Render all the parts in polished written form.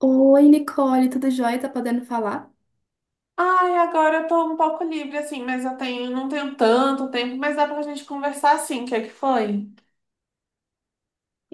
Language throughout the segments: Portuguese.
Oi, Nicole, tudo jóia? Tá podendo falar? Ai, agora eu tô um pouco livre, assim, mas eu tenho, não tenho tanto tempo, mas dá pra gente conversar assim, o que é que foi?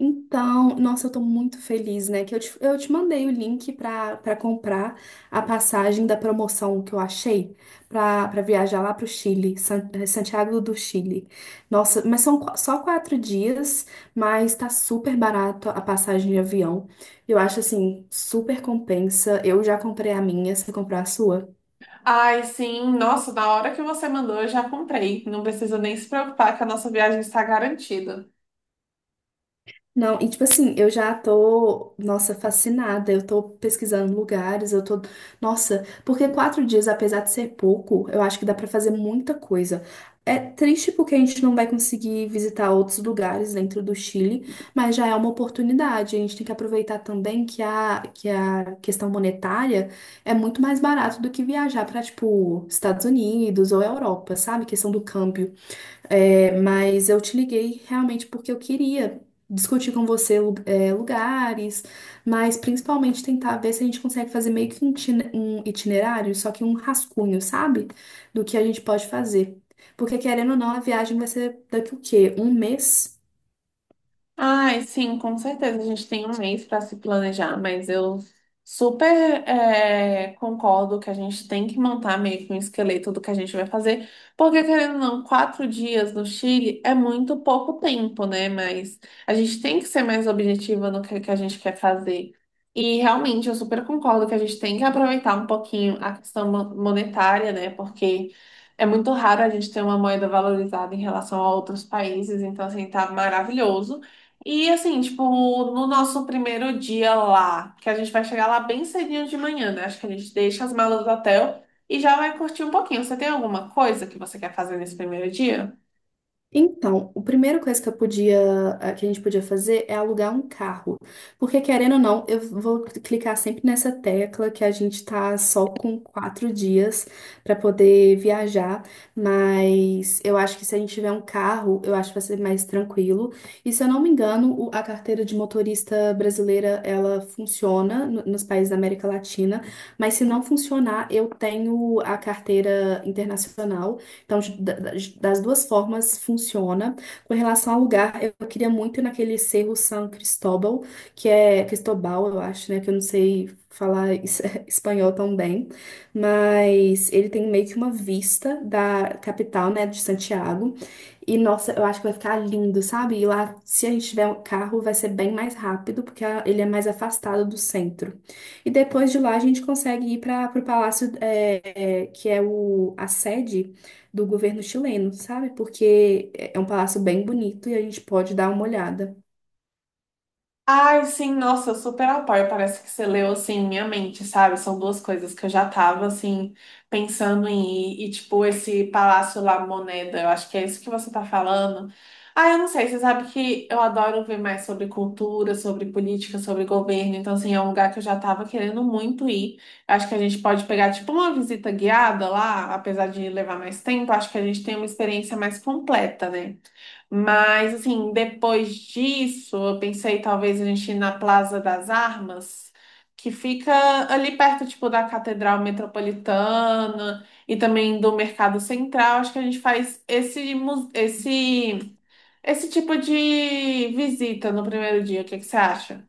Então, nossa, eu tô muito feliz, né? Que eu te mandei o link pra comprar a passagem da promoção que eu achei pra viajar lá pro Chile, Santiago do Chile. Nossa, mas só quatro dias, mas tá super barato a passagem de avião. Eu acho assim, super compensa. Eu já comprei a minha, você comprou a sua? Ai, sim, nossa, na hora que você mandou, eu já comprei. Não precisa nem se preocupar que a nossa viagem está garantida. Não, e tipo assim, eu já tô, nossa, fascinada. Eu tô pesquisando lugares, eu tô, nossa, porque quatro dias, apesar de ser pouco, eu acho que dá pra fazer muita coisa. É triste porque a gente não vai conseguir visitar outros lugares dentro do Chile, mas já é uma oportunidade. A gente tem que aproveitar também que a questão monetária é muito mais barato do que viajar pra, tipo, Estados Unidos ou Europa, sabe? Questão do câmbio. É, mas eu te liguei realmente porque eu queria discutir com você lugares, mas principalmente tentar ver se a gente consegue fazer meio que um itinerário, só que um rascunho, sabe? Do que a gente pode fazer. Porque querendo ou não, a viagem vai ser daqui o quê? Um mês? Ai, sim, com certeza. A gente tem um mês para se planejar, mas eu super concordo que a gente tem que montar meio que um esqueleto do que a gente vai fazer, porque querendo ou não, 4 dias no Chile é muito pouco tempo, né? Mas a gente tem que ser mais objetiva no que a gente quer fazer. E realmente eu super concordo que a gente tem que aproveitar um pouquinho a questão monetária, né? Porque é muito raro a gente ter uma moeda valorizada em relação a outros países, então assim, tá maravilhoso. E assim, tipo, no nosso primeiro dia lá, que a gente vai chegar lá bem cedinho de manhã, né? Acho que a gente deixa as malas do hotel e já vai curtir um pouquinho. Você tem alguma coisa que você quer fazer nesse primeiro dia? Então, a primeira coisa que eu podia, que a gente podia fazer é alugar um carro. Porque, querendo ou não, eu vou clicar sempre nessa tecla que a gente tá só com quatro dias para poder viajar. Mas eu acho que se a gente tiver um carro, eu acho que vai ser mais tranquilo. E se eu não me engano, a carteira de motorista brasileira, ela funciona nos países da América Latina. Mas se não funcionar, eu tenho a carteira internacional. Então, das duas formas funciona. Com relação ao lugar, eu queria muito ir naquele Cerro San Cristóbal, que é Cristobal, eu acho, né? Que eu não sei falar espanhol tão bem, mas ele tem meio que uma vista da capital, né, de Santiago. E nossa, eu acho que vai ficar lindo, sabe? E lá, se a gente tiver um carro, vai ser bem mais rápido, porque ele é mais afastado do centro. E depois de lá, a gente consegue ir para o palácio, que é a sede do governo chileno, sabe? Porque é um palácio bem bonito e a gente pode dar uma olhada. Ai, sim, nossa, super ao par. Parece que você leu assim minha mente, sabe? São duas coisas que eu já tava assim pensando em ir. E tipo, esse Palácio La Moneda, eu acho que é isso que você tá falando. Ah, eu não sei, você sabe que eu adoro ver mais sobre cultura, sobre política, sobre governo. Então, assim, é um lugar que eu já tava querendo muito ir. Acho que a gente pode pegar tipo uma visita guiada lá, apesar de levar mais tempo, acho que a gente tem uma experiência mais completa, né? Mas, assim, depois disso, eu pensei talvez a gente ir na Plaza das Armas, que fica ali perto, tipo, da Catedral Metropolitana e também do Mercado Central. Acho que a gente faz esse tipo de visita no primeiro dia. O que que você acha?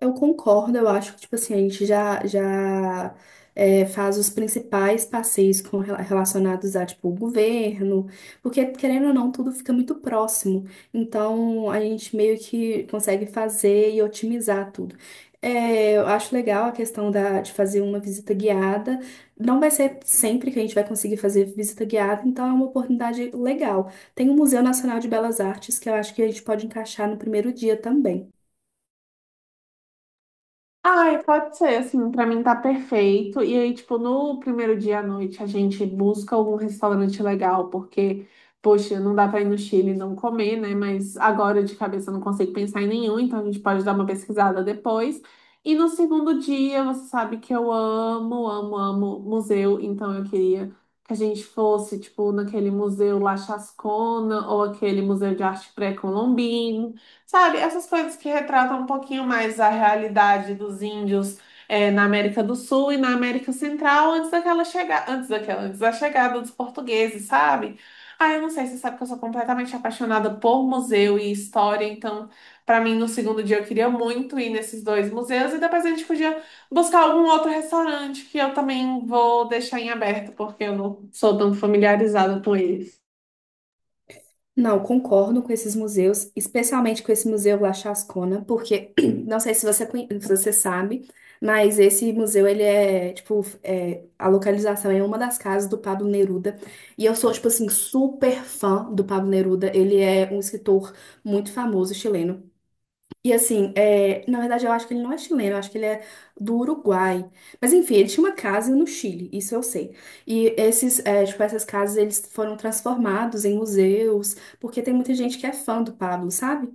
Eu concordo, eu acho que, tipo assim, a gente já, faz os principais passeios com, relacionados a, tipo, o governo, porque, querendo ou não, tudo fica muito próximo. Então, a gente meio que consegue fazer e otimizar tudo. É, eu acho legal a questão de fazer uma visita guiada. Não vai ser sempre que a gente vai conseguir fazer visita guiada, então é uma oportunidade legal. Tem o Museu Nacional de Belas Artes, que eu acho que a gente pode encaixar no primeiro dia também. Ai, pode ser, assim, pra mim tá perfeito. E aí, tipo, no primeiro dia à noite a gente busca algum restaurante legal, porque, poxa, não dá pra ir no Chile e não comer, né? Mas agora de cabeça eu não consigo pensar em nenhum, então a gente pode dar uma pesquisada depois. E no segundo dia, você sabe que eu amo, amo, amo museu, então eu queria que a gente fosse, tipo, naquele museu lá Chascona ou aquele museu de arte pré-colombino. Sabe, essas coisas que retratam um pouquinho mais a realidade dos índios na América do Sul e na América Central antes daquela chega... antes daquela, antes da chegada dos portugueses, sabe? Ah, eu não sei, você sabe que eu sou completamente apaixonada por museu e história, então, para mim, no segundo dia eu queria muito ir nesses dois museus e depois a gente podia buscar algum outro restaurante que eu também vou deixar em aberto, porque eu não sou tão familiarizada com ele. Não, concordo com esses museus, especialmente com esse Museu La Chascona, porque não sei se se você sabe, mas esse museu, ele é, tipo, é, a localização é uma das casas do Pablo Neruda, e eu sou, tipo assim, super fã do Pablo Neruda, ele é um escritor muito famoso chileno. E assim, na verdade eu acho que ele não é chileno, eu acho que ele é do Uruguai. Mas enfim, ele tinha uma casa no Chile, isso eu sei. E esses, essas casas eles foram transformados em museus, porque tem muita gente que é fã do Pablo, sabe?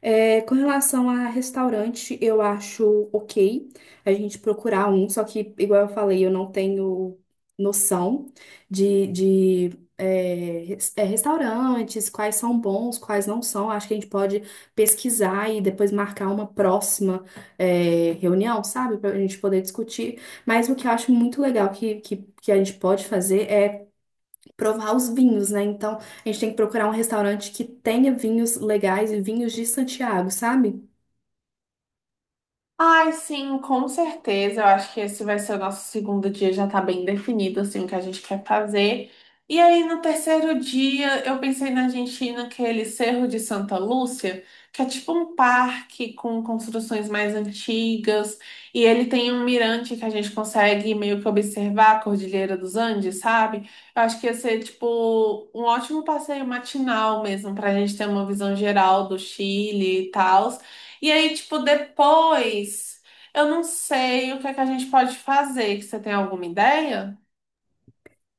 É, com relação a restaurante, eu acho ok a gente procurar um, só que, igual eu falei, eu não tenho noção de é, res- é, restaurantes, quais são bons, quais não são. Acho que a gente pode pesquisar e depois marcar uma próxima reunião, sabe? Para a gente poder discutir. Mas o que eu acho muito legal que a gente pode fazer é provar os vinhos, né? Então, a gente tem que procurar um restaurante que tenha vinhos legais e vinhos de Santiago, sabe? Ai, sim, com certeza. Eu acho que esse vai ser o nosso segundo dia, já tá bem definido, assim, o que a gente quer fazer. E aí, no terceiro dia, eu pensei na gente ir naquele Cerro de Santa Lúcia, que é tipo um parque com construções mais antigas, e ele tem um mirante que a gente consegue meio que observar a Cordilheira dos Andes, sabe? Eu acho que ia ser, tipo, um ótimo passeio matinal mesmo, pra gente ter uma visão geral do Chile e tal. E aí, tipo, depois, eu não sei o que é que a gente pode fazer. Que você tem alguma ideia?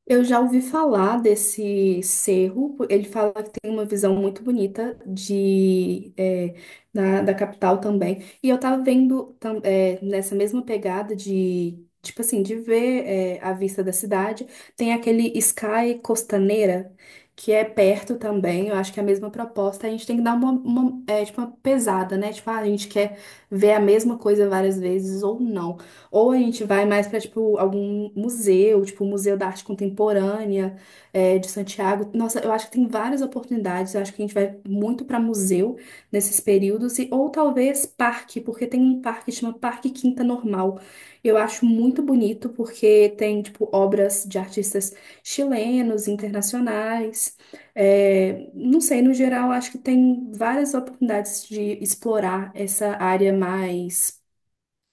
Eu já ouvi falar desse cerro. Ele fala que tem uma visão muito bonita de, é, da capital também. E eu tava vendo nessa mesma pegada de, tipo assim, de ver, é, a vista da cidade. Tem aquele Sky Costaneira, que é perto também. Eu acho que é a mesma proposta. A gente tem que dar uma pesada, né? Tipo, ah, a gente quer ver a mesma coisa várias vezes ou não. Ou a gente vai mais para, tipo, algum museu, tipo, o Museu da Arte Contemporânea, é, de Santiago. Nossa, eu acho que tem várias oportunidades. Eu acho que a gente vai muito para museu nesses períodos. E, ou talvez parque, porque tem um parque que chama Parque Quinta Normal. Eu acho muito bonito, porque tem, tipo, obras de artistas chilenos, internacionais. É, não sei, no geral, acho que tem várias oportunidades de explorar essa área mais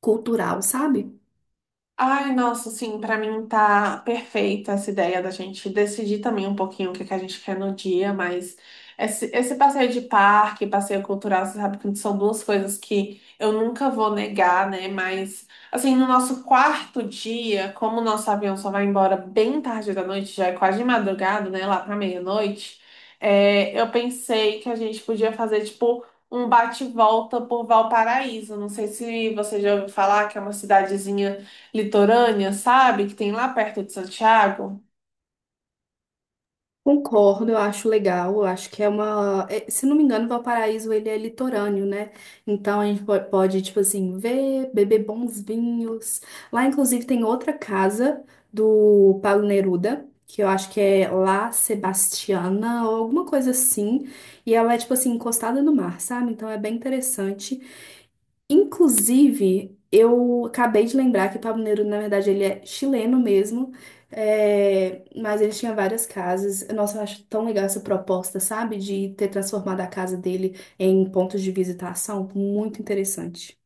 cultural, sabe? Ai, nossa, sim, pra mim tá perfeita essa ideia da gente decidir também um pouquinho o que que a gente quer no dia, mas esse passeio de parque, passeio cultural, você sabe que são duas coisas que eu nunca vou negar, né? Mas, assim, no nosso quarto dia, como o nosso avião só vai embora bem tarde da noite, já é quase de madrugada, né? Lá pra meia-noite, eu pensei que a gente podia fazer, tipo, um bate-volta por Valparaíso. Não sei se você já ouviu falar que é uma cidadezinha litorânea, sabe? Que tem lá perto de Santiago. Concordo, eu acho legal, eu acho que é se não me engano, Valparaíso ele é litorâneo, né? Então a gente pode, tipo assim, ver, beber bons vinhos. Lá inclusive tem outra casa do Paulo Neruda, que eu acho que é La Sebastiana ou alguma coisa assim, e ela é tipo assim encostada no mar, sabe? Então é bem interessante. Inclusive, eu acabei de lembrar que Pablo Neruda, na verdade, ele é chileno mesmo, é, mas ele tinha várias casas. Nossa, eu acho tão legal essa proposta, sabe? De ter transformado a casa dele em pontos de visitação. Muito interessante.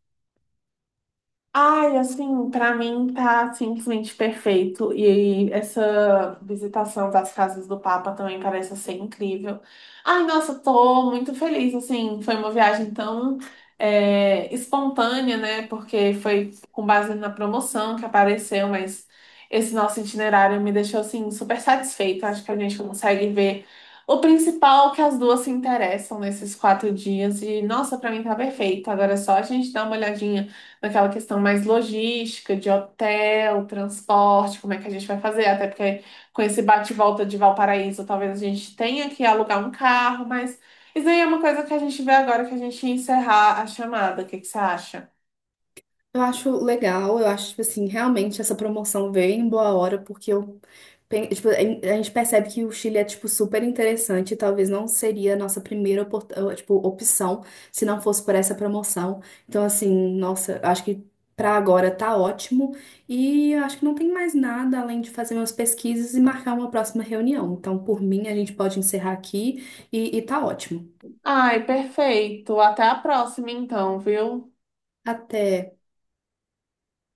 Ai, assim, pra mim tá simplesmente perfeito. E essa visitação das casas do Papa também parece ser incrível. Ai, nossa, tô muito feliz, assim, foi uma viagem tão espontânea, né? Porque foi com base na promoção que apareceu, mas esse nosso itinerário me deixou, assim, super satisfeita. Acho que a gente consegue ver o principal que as duas se interessam nesses 4 dias. E, nossa, pra mim tá perfeito. Agora é só a gente dar uma olhadinha aquela questão mais logística, de hotel, transporte, como é que a gente vai fazer? Até porque com esse bate e volta de Valparaíso, talvez a gente tenha que alugar um carro, mas isso aí é uma coisa que a gente vê agora que a gente ia encerrar a chamada. O que que você acha? Eu acho legal, eu acho, tipo assim, realmente essa promoção veio em boa hora, porque eu, a gente percebe que o Chile é, tipo, super interessante, e talvez não seria a nossa primeira, opção se não fosse por essa promoção. Então, assim, nossa, eu acho que pra agora tá ótimo, e eu acho que não tem mais nada além de fazer umas pesquisas e marcar uma próxima reunião. Então, por mim, a gente pode encerrar aqui e tá ótimo. Ai, perfeito. Até a próxima, então, viu? Até.